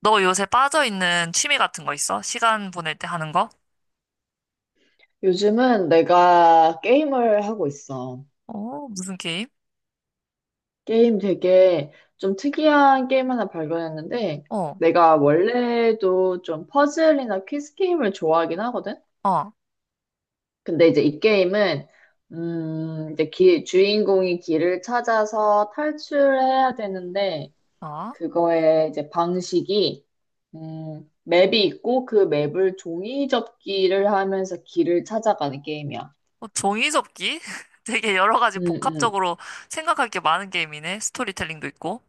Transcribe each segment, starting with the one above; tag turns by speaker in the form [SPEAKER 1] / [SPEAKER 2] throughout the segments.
[SPEAKER 1] 너 요새 빠져있는 취미 같은 거 있어? 시간 보낼 때 하는 거?
[SPEAKER 2] 요즘은 내가 게임을 하고 있어.
[SPEAKER 1] 어, 무슨 게임?
[SPEAKER 2] 게임 되게 좀 특이한 게임 하나 발견했는데,
[SPEAKER 1] 어,
[SPEAKER 2] 내가 원래도 좀 퍼즐이나 퀴즈 게임을 좋아하긴 하거든?
[SPEAKER 1] 어,
[SPEAKER 2] 근데 이제 이 게임은, 이제 주인공이 길을 찾아서 탈출해야 되는데,
[SPEAKER 1] 아,
[SPEAKER 2] 그거의 이제 방식이, 맵이 있고 그 맵을 종이 접기를 하면서 길을 찾아가는 게임이야.
[SPEAKER 1] 어, 종이접기? 되게 여러 가지
[SPEAKER 2] 음, 음.
[SPEAKER 1] 복합적으로 생각할 게 많은 게임이네. 스토리텔링도 있고.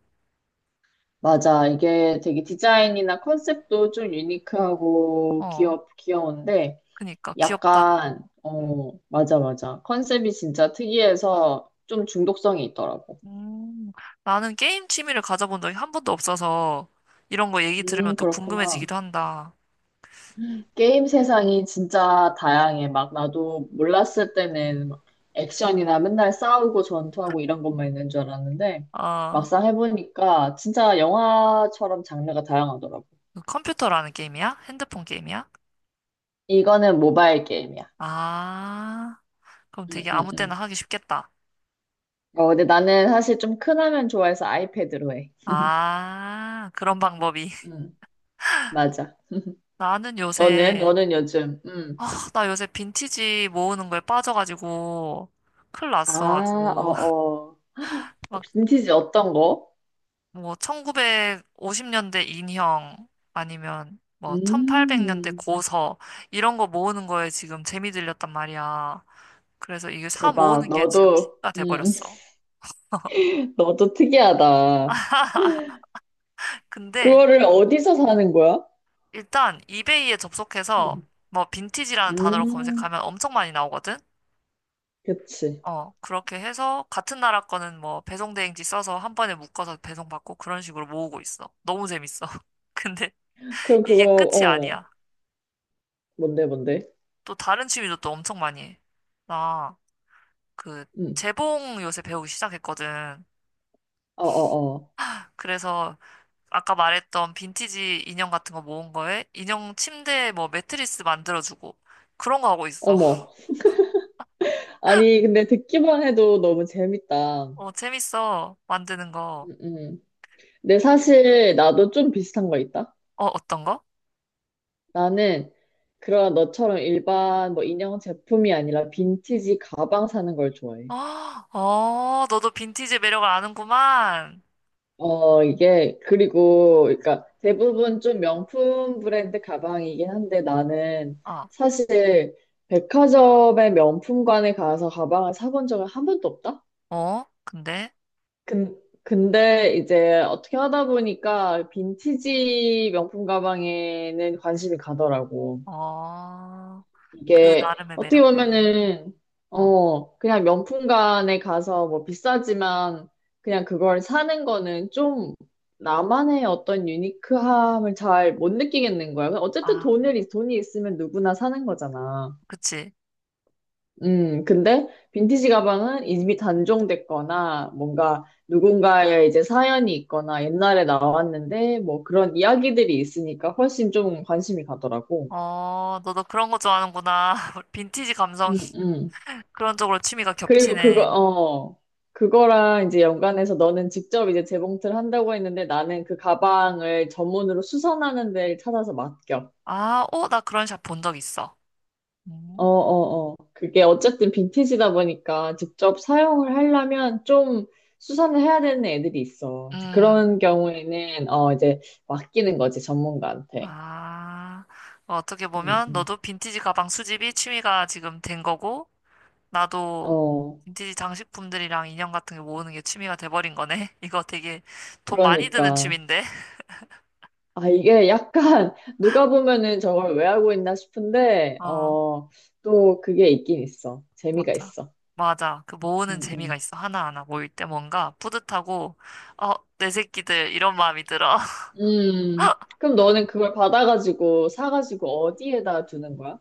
[SPEAKER 2] 맞아. 이게 되게 디자인이나 컨셉도 좀 유니크하고
[SPEAKER 1] 어,
[SPEAKER 2] 귀여운데,
[SPEAKER 1] 그니까 귀엽다.
[SPEAKER 2] 약간, 어, 맞아, 맞아. 컨셉이 진짜 특이해서 좀 중독성이 있더라고.
[SPEAKER 1] 음, 나는 게임 취미를 가져본 적이 한 번도 없어서 이런 거 얘기 들으면 또
[SPEAKER 2] 그렇구나.
[SPEAKER 1] 궁금해지기도 한다.
[SPEAKER 2] 게임 세상이 진짜 다양해. 막 나도 몰랐을 때는 막 액션이나 맨날 싸우고 전투하고 이런 것만 있는 줄 알았는데,
[SPEAKER 1] 어,
[SPEAKER 2] 막상 해보니까 진짜 영화처럼 장르가 다양하더라고.
[SPEAKER 1] 그 컴퓨터라는 게임이야? 핸드폰 게임이야?
[SPEAKER 2] 이거는 모바일 게임이야.
[SPEAKER 1] 아, 그럼
[SPEAKER 2] 응,
[SPEAKER 1] 되게
[SPEAKER 2] 응,
[SPEAKER 1] 아무 때나
[SPEAKER 2] 응.
[SPEAKER 1] 하기 쉽겠다.
[SPEAKER 2] 어, 근데 나는 사실 좀 큰 화면 좋아해서 아이패드로 해.
[SPEAKER 1] 아, 그런 방법이.
[SPEAKER 2] 응. 맞아.
[SPEAKER 1] 나는
[SPEAKER 2] 너는?
[SPEAKER 1] 요새,
[SPEAKER 2] 너는 요즘? 응.
[SPEAKER 1] 아, 나 요새 빈티지 모으는 거에 빠져가지고, 큰일 났어,
[SPEAKER 2] 아,
[SPEAKER 1] 아주.
[SPEAKER 2] 어어.
[SPEAKER 1] 막,
[SPEAKER 2] 빈티지 어떤 거?
[SPEAKER 1] 뭐, 1950년대 인형, 아니면, 뭐, 1800년대
[SPEAKER 2] 음.
[SPEAKER 1] 고서, 이런 거 모으는 거에 지금 재미 들렸단 말이야. 그래서 이게 사
[SPEAKER 2] 대박.
[SPEAKER 1] 모으는 게 지금
[SPEAKER 2] 너도,
[SPEAKER 1] 취미가
[SPEAKER 2] 음.
[SPEAKER 1] 돼버렸어.
[SPEAKER 2] 너도 특이하다.
[SPEAKER 1] 근데,
[SPEAKER 2] 그거를 어디서 사는 거야?
[SPEAKER 1] 일단, 이베이에 접속해서,
[SPEAKER 2] 음.
[SPEAKER 1] 뭐, 빈티지라는 단어로
[SPEAKER 2] 음.
[SPEAKER 1] 검색하면 엄청 많이 나오거든?
[SPEAKER 2] 그치.
[SPEAKER 1] 어, 그렇게 해서 같은 나라 거는 뭐 배송 대행지 써서 한 번에 묶어서 배송받고 그런 식으로 모으고 있어. 너무 재밌어. 근데
[SPEAKER 2] 그럼 그거,
[SPEAKER 1] 이게 끝이
[SPEAKER 2] 어,
[SPEAKER 1] 아니야.
[SPEAKER 2] 뭔데, 뭔데?
[SPEAKER 1] 또 다른 취미도 또 엄청 많이 해. 나 그
[SPEAKER 2] 음.
[SPEAKER 1] 재봉 요새 배우기 시작했거든.
[SPEAKER 2] 어어어.
[SPEAKER 1] 그래서 아까 말했던 빈티지 인형 같은 거 모은 거에 인형 침대 뭐 매트리스 만들어주고 그런 거 하고 있어.
[SPEAKER 2] 어머. 아니, 근데 듣기만 해도 너무 재밌다.
[SPEAKER 1] 어, 재밌어. 만드는 거.
[SPEAKER 2] 음. 음. 근데 사실 나도 좀 비슷한 거 있다.
[SPEAKER 1] 어, 어떤 거?
[SPEAKER 2] 나는 그런 너처럼 일반 뭐 인형 제품이 아니라 빈티지 가방 사는 걸 좋아해.
[SPEAKER 1] 어, 어, 너도 빈티지 매력을 아는구만.
[SPEAKER 2] 어, 이게 그리고 그러니까 대부분 좀 명품 브랜드 가방이긴 한데 나는
[SPEAKER 1] 어.
[SPEAKER 2] 사실 백화점의 명품관에 가서 가방을 사본 적은 한 번도 없다.
[SPEAKER 1] 어? 근데?
[SPEAKER 2] 근, 근데 이제 어떻게 하다 보니까 빈티지 명품 가방에는 관심이 가더라고.
[SPEAKER 1] 어, 그
[SPEAKER 2] 이게
[SPEAKER 1] 나름의
[SPEAKER 2] 어떻게
[SPEAKER 1] 매력 때문에.
[SPEAKER 2] 보면은
[SPEAKER 1] 어,
[SPEAKER 2] 어 그냥 명품관에 가서 뭐 비싸지만 그냥 그걸 사는 거는 좀 나만의 어떤 유니크함을 잘 못 느끼겠는 거야. 그러니까 어쨌든
[SPEAKER 1] 아,
[SPEAKER 2] 돈을 돈이 있으면 누구나 사는 거잖아.
[SPEAKER 1] 그치.
[SPEAKER 2] 근데 빈티지 가방은 이미 단종됐거나 뭔가 누군가의 이제 사연이 있거나 옛날에 나왔는데 뭐 그런 이야기들이 있으니까 훨씬 좀 관심이 가더라고.
[SPEAKER 1] 어, 너도 그런 거 좋아하는구나. 빈티지 감성.
[SPEAKER 2] 음, 음.
[SPEAKER 1] 그런 쪽으로 취미가
[SPEAKER 2] 그리고 그거,
[SPEAKER 1] 겹치네.
[SPEAKER 2] 어, 그거랑 이제 연관해서 너는 직접 이제 재봉틀 한다고 했는데 나는 그 가방을 전문으로 수선하는 데를 찾아서 맡겨.
[SPEAKER 1] 아, 어, 나 그런 샵 본 적 있어.
[SPEAKER 2] 어,
[SPEAKER 1] 음,
[SPEAKER 2] 어, 어. 그게 어쨌든 빈티지다 보니까 직접 사용을 하려면 좀 수선을 해야 되는 애들이 있어. 이제
[SPEAKER 1] 음,
[SPEAKER 2] 그런 경우에는, 어, 이제 맡기는 거지, 전문가한테.
[SPEAKER 1] 아, 어떻게
[SPEAKER 2] 음,
[SPEAKER 1] 보면
[SPEAKER 2] 음.
[SPEAKER 1] 너도 빈티지 가방 수집이 취미가 지금 된 거고, 나도
[SPEAKER 2] 어,
[SPEAKER 1] 빈티지 장식품들이랑 인형 같은 게 모으는 게 취미가 돼버린 거네. 이거 되게 돈 많이 드는
[SPEAKER 2] 그러니까.
[SPEAKER 1] 취미인데.
[SPEAKER 2] 아, 이게 약간 누가 보면은 저걸 왜 하고 있나 싶은데,
[SPEAKER 1] 어.
[SPEAKER 2] 어, 또 그게 있긴 있어. 재미가
[SPEAKER 1] 맞아.
[SPEAKER 2] 있어.
[SPEAKER 1] 맞아. 그 모으는
[SPEAKER 2] 음,
[SPEAKER 1] 재미가
[SPEAKER 2] 음.
[SPEAKER 1] 있어. 하나하나 모일 때 뭔가 뿌듯하고, 어, 내 새끼들, 이런 마음이 들어.
[SPEAKER 2] 음, 그럼 너는 그걸 받아가지고, 사가지고 어디에다 두는 거야?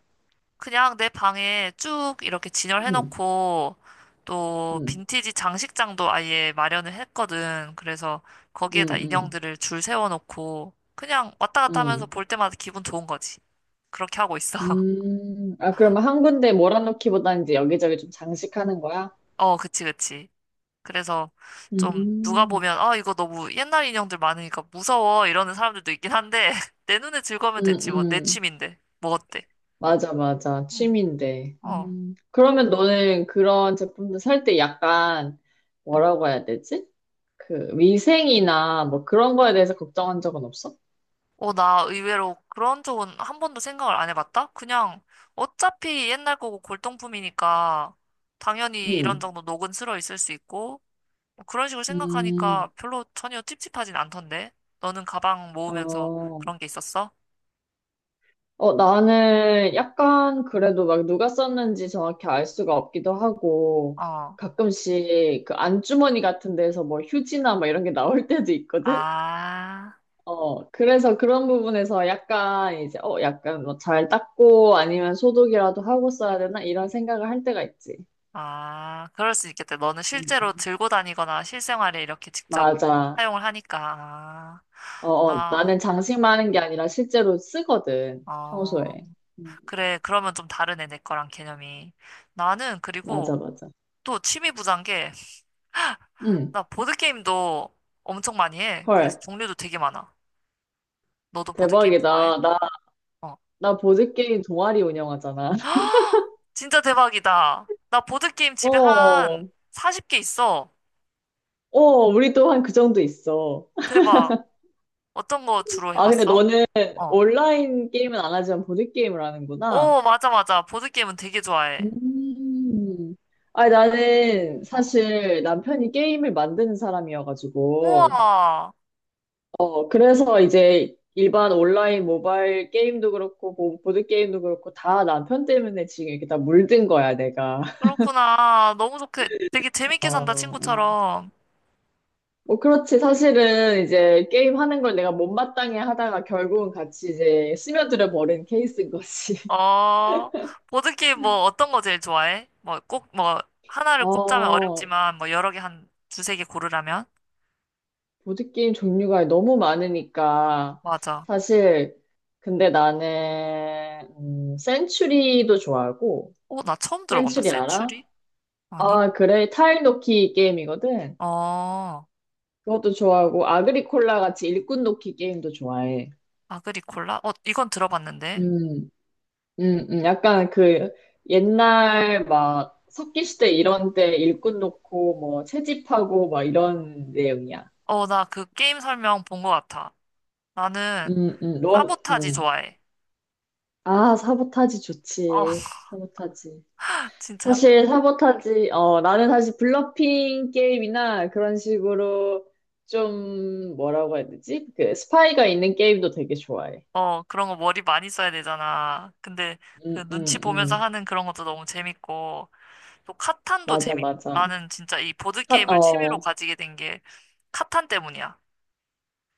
[SPEAKER 1] 그냥 내 방에 쭉 이렇게
[SPEAKER 2] 음,
[SPEAKER 1] 진열해놓고, 또
[SPEAKER 2] 음,
[SPEAKER 1] 빈티지 장식장도 아예 마련을 했거든. 그래서
[SPEAKER 2] 음,
[SPEAKER 1] 거기에다
[SPEAKER 2] 음,
[SPEAKER 1] 인형들을 줄 세워놓고, 그냥 왔다 갔다 하면서
[SPEAKER 2] 음.
[SPEAKER 1] 볼 때마다 기분 좋은 거지. 그렇게 하고 있어.
[SPEAKER 2] 아, 그러면 한 군데 몰아놓기보다는 이제 여기저기 좀 장식하는 거야?
[SPEAKER 1] 어, 그치, 그치. 그래서 좀 누가
[SPEAKER 2] 음,
[SPEAKER 1] 보면 아 이거 너무 옛날 인형들 많으니까 무서워 이러는 사람들도 있긴 한데 내 눈에 즐거우면
[SPEAKER 2] 음,
[SPEAKER 1] 됐지 뭐 내
[SPEAKER 2] 음.
[SPEAKER 1] 취미인데 뭐 어때?
[SPEAKER 2] 맞아, 맞아.
[SPEAKER 1] 응.
[SPEAKER 2] 취미인데.
[SPEAKER 1] 어.
[SPEAKER 2] 음. 그러면 너는 그런 제품들 살 때 약간
[SPEAKER 1] 응.
[SPEAKER 2] 뭐라고 해야 되지? 그 위생이나 뭐 그런 거에 대해서 걱정한 적은 없어?
[SPEAKER 1] 어, 나 의외로 그런 쪽은 한 번도 생각을 안 해봤다? 그냥 어차피 옛날 거고 골동품이니까 당연히 이런
[SPEAKER 2] 응.
[SPEAKER 1] 정도 녹은 슬어 있을 수 있고 뭐 그런 식으로
[SPEAKER 2] 음,
[SPEAKER 1] 생각하니까 별로 전혀 찝찝하진 않던데 너는 가방 모으면서
[SPEAKER 2] 어,
[SPEAKER 1] 그런 게 있었어?
[SPEAKER 2] 어, 나는 약간 그래도 막 누가 썼는지 정확히 알 수가 없기도 하고
[SPEAKER 1] 어.
[SPEAKER 2] 가끔씩 그 안주머니 같은 데서 뭐 휴지나 뭐 이런 게 나올 때도 있거든?
[SPEAKER 1] 아.
[SPEAKER 2] 어, 그래서 그런 부분에서 약간 이제 어, 약간 뭐 잘 닦고 아니면 소독이라도 하고 써야 되나 이런 생각을 할 때가 있지.
[SPEAKER 1] 아, 그럴 수 있겠다. 너는
[SPEAKER 2] 음,
[SPEAKER 1] 실제로
[SPEAKER 2] 음.
[SPEAKER 1] 들고 다니거나 실생활에 이렇게 직접
[SPEAKER 2] 맞아.
[SPEAKER 1] 사용을 하니까. 아,
[SPEAKER 2] 어, 어,
[SPEAKER 1] 나,
[SPEAKER 2] 나는 장식만 하는 게 아니라 실제로 쓰거든,
[SPEAKER 1] 어,
[SPEAKER 2] 평소에. 음,
[SPEAKER 1] 그래. 그러면 좀 다르네, 내 거랑 개념이. 나는 그리고
[SPEAKER 2] 맞아, 맞아.
[SPEAKER 1] 또 취미 부자인 게,
[SPEAKER 2] 응,
[SPEAKER 1] 나 보드게임도 엄청 많이 해.
[SPEAKER 2] 헐,
[SPEAKER 1] 그래서 종류도 되게 많아. 너도 보드게임 좋아해?
[SPEAKER 2] 대박이다. 나,
[SPEAKER 1] 어.
[SPEAKER 2] 나 보드게임 동아리 운영하잖아.
[SPEAKER 1] 진짜 대박이다. 나 보드게임 집에
[SPEAKER 2] 어,
[SPEAKER 1] 한 40개 있어.
[SPEAKER 2] 어, 우리 또 한 그 정도 있어.
[SPEAKER 1] 대박. 어떤 거 주로
[SPEAKER 2] 아, 근데
[SPEAKER 1] 해봤어?
[SPEAKER 2] 너는
[SPEAKER 1] 어.
[SPEAKER 2] 온라인 게임은 안 하지만 보드게임을 하는구나.
[SPEAKER 1] 오, 맞아, 맞아. 보드게임은 되게 좋아해.
[SPEAKER 2] 음. 아니, 나는
[SPEAKER 1] 어.
[SPEAKER 2] 사실 남편이 게임을 만드는 사람이어가지고,
[SPEAKER 1] 우와,
[SPEAKER 2] 어, 그래서 이제 일반 온라인 모바일 게임도 그렇고, 보드 게임도 그렇고, 다 남편 때문에 지금 이렇게 다 물든 거야, 내가.
[SPEAKER 1] 그렇구나. 너무 좋게, 되게
[SPEAKER 2] 어,
[SPEAKER 1] 재밌게 산다,
[SPEAKER 2] 어.
[SPEAKER 1] 친구처럼.
[SPEAKER 2] 뭐 그렇지. 사실은 이제 게임 하는 걸 내가 못마땅해 하다가 결국은 같이 이제 스며들어 버린 케이스인 거지.
[SPEAKER 1] 어, 보드게임 뭐 어떤 거 제일 좋아해? 뭐 꼭, 뭐, 하나를 꼽자면
[SPEAKER 2] 어,
[SPEAKER 1] 어렵지만, 뭐 여러 개 한 두세 개 고르라면?
[SPEAKER 2] 보드 게임 종류가 너무 많으니까,
[SPEAKER 1] 맞아.
[SPEAKER 2] 사실, 근데 나는, 센츄리도 좋아하고,
[SPEAKER 1] 어, 나 처음 들어본다.
[SPEAKER 2] 센츄리 알아?
[SPEAKER 1] 센츄리? 아니?
[SPEAKER 2] 아, 그래. 타일 놓기 게임이거든.
[SPEAKER 1] 어,
[SPEAKER 2] 그것도 좋아하고 아그리콜라 같이 일꾼 돕기 게임도 좋아해.
[SPEAKER 1] 아그리콜라? 어, 이건 들어봤는데.
[SPEAKER 2] 음, 약간 그 옛날 막 석기시대 이런 때 일꾼 놓고 뭐 채집하고 막 이런 내용이야.
[SPEAKER 1] 어, 나 그 게임 설명 본 거 같아. 나는
[SPEAKER 2] 넌,
[SPEAKER 1] 사보타지 좋아해.
[SPEAKER 2] 아, 사보타지
[SPEAKER 1] 어,
[SPEAKER 2] 좋지. 사보타지.
[SPEAKER 1] 진짜.
[SPEAKER 2] 사실 사보타지, 어, 나는 사실 블러핑 게임이나 그런 식으로 좀 뭐라고 해야 되지? 그 스파이가 있는 게임도 되게 좋아해.
[SPEAKER 1] 어, 그런 거 머리 많이 써야 되잖아. 근데
[SPEAKER 2] 음,
[SPEAKER 1] 그
[SPEAKER 2] 음,
[SPEAKER 1] 눈치 보면서
[SPEAKER 2] 음.
[SPEAKER 1] 하는 그런 것도 너무 재밌고, 또 카탄도
[SPEAKER 2] 맞아,
[SPEAKER 1] 재밌고.
[SPEAKER 2] 맞아.
[SPEAKER 1] 나는 진짜 이 보드게임을 취미로
[SPEAKER 2] 어,
[SPEAKER 1] 가지게 된 게 카탄 때문이야.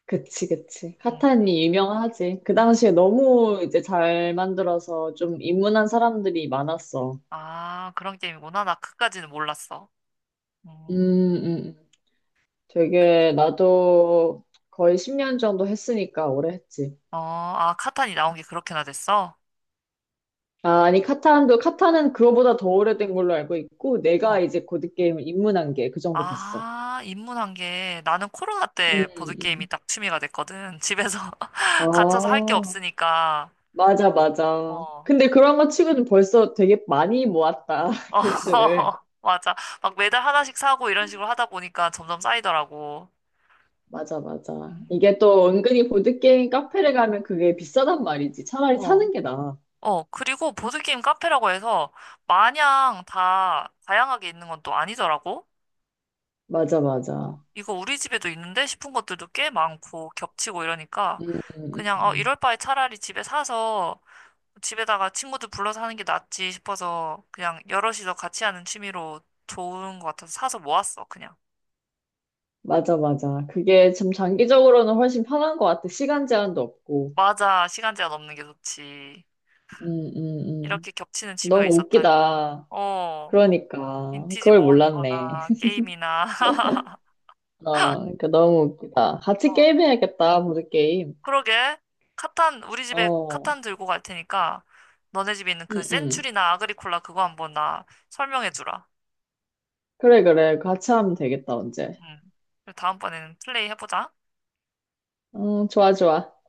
[SPEAKER 2] 그치, 그치.
[SPEAKER 1] 응,
[SPEAKER 2] 카타니 유명하지. 그
[SPEAKER 1] 응.
[SPEAKER 2] 당시에 너무 이제 잘 만들어서 좀 입문한 사람들이 많았어.
[SPEAKER 1] 아, 그런 게임이구나. 나 그까지는 몰랐어. 음,
[SPEAKER 2] 음.
[SPEAKER 1] 그-
[SPEAKER 2] 되게 나도 거의 10년 정도 했으니까 오래 했지.
[SPEAKER 1] 어, 아, 카탄이 나온 게 그렇게나 됐어?
[SPEAKER 2] 아, 아니, 카타는 그거보다 더 오래된 걸로 알고 있고,
[SPEAKER 1] 어.
[SPEAKER 2] 내가 이제 보드게임을 입문한 게 그 정도 됐어.
[SPEAKER 1] 아, 입문한 게 나는 코로나
[SPEAKER 2] 음,
[SPEAKER 1] 때 보드게임이
[SPEAKER 2] 음.
[SPEAKER 1] 딱 취미가 됐거든. 집에서 갇혀서 할 게
[SPEAKER 2] 아,
[SPEAKER 1] 없으니까.
[SPEAKER 2] 맞아, 맞아.
[SPEAKER 1] 어.
[SPEAKER 2] 근데 그런 거 치고는 벌써 되게 많이 모았다,
[SPEAKER 1] 어,
[SPEAKER 2] 개수를.
[SPEAKER 1] 맞아. 막 매달 하나씩 사고 이런 식으로 하다 보니까 점점 쌓이더라고.
[SPEAKER 2] 맞아, 맞아.
[SPEAKER 1] 음.
[SPEAKER 2] 이게 또 은근히 보드게임 카페를 가면 그게 비싸단 말이지. 차라리
[SPEAKER 1] 어,
[SPEAKER 2] 사는 게 나아.
[SPEAKER 1] 어. 그리고 보드게임 카페라고 해서 마냥 다 다양하게 있는 건 또 아니더라고.
[SPEAKER 2] 맞아,
[SPEAKER 1] 어,
[SPEAKER 2] 맞아.
[SPEAKER 1] 이거 우리 집에도 있는데 싶은 것들도 꽤 많고 겹치고 이러니까
[SPEAKER 2] 음,
[SPEAKER 1] 그냥 어,
[SPEAKER 2] 음.
[SPEAKER 1] 이럴 바에 차라리 집에 사서 집에다가 친구들 불러서 하는 게 낫지 싶어서 그냥 여럿이서 같이 하는 취미로 좋은 것 같아서 사서 모았어, 그냥.
[SPEAKER 2] 맞아, 맞아. 그게 참 장기적으로는 훨씬 편한 것 같아. 시간 제한도 없고.
[SPEAKER 1] 맞아. 시간 제한 없는 게 좋지.
[SPEAKER 2] 음, 음, 음.
[SPEAKER 1] 이렇게 겹치는 취미가
[SPEAKER 2] 너무
[SPEAKER 1] 있었다니.
[SPEAKER 2] 웃기다.
[SPEAKER 1] 어,
[SPEAKER 2] 그러니까.
[SPEAKER 1] 빈티지
[SPEAKER 2] 그걸
[SPEAKER 1] 모으는
[SPEAKER 2] 몰랐네.
[SPEAKER 1] 거나 게임이나.
[SPEAKER 2] 어, 그러니까 너무 웃기다. 같이
[SPEAKER 1] 어,
[SPEAKER 2] 게임해야겠다, 보드게임.
[SPEAKER 1] 그러게. 카탄, 우리 집에
[SPEAKER 2] 어,
[SPEAKER 1] 카탄 들고 갈 테니까 너네 집에 있는
[SPEAKER 2] 음,
[SPEAKER 1] 그
[SPEAKER 2] 음.
[SPEAKER 1] 센츄리나 아그리콜라 그거 한번 나 설명해 주라.
[SPEAKER 2] 그래, 그래. 같이 하면 되겠다, 언제.
[SPEAKER 1] 응. 그리고 다음번에는 플레이 해보자.
[SPEAKER 2] 어, 좋아, 좋아.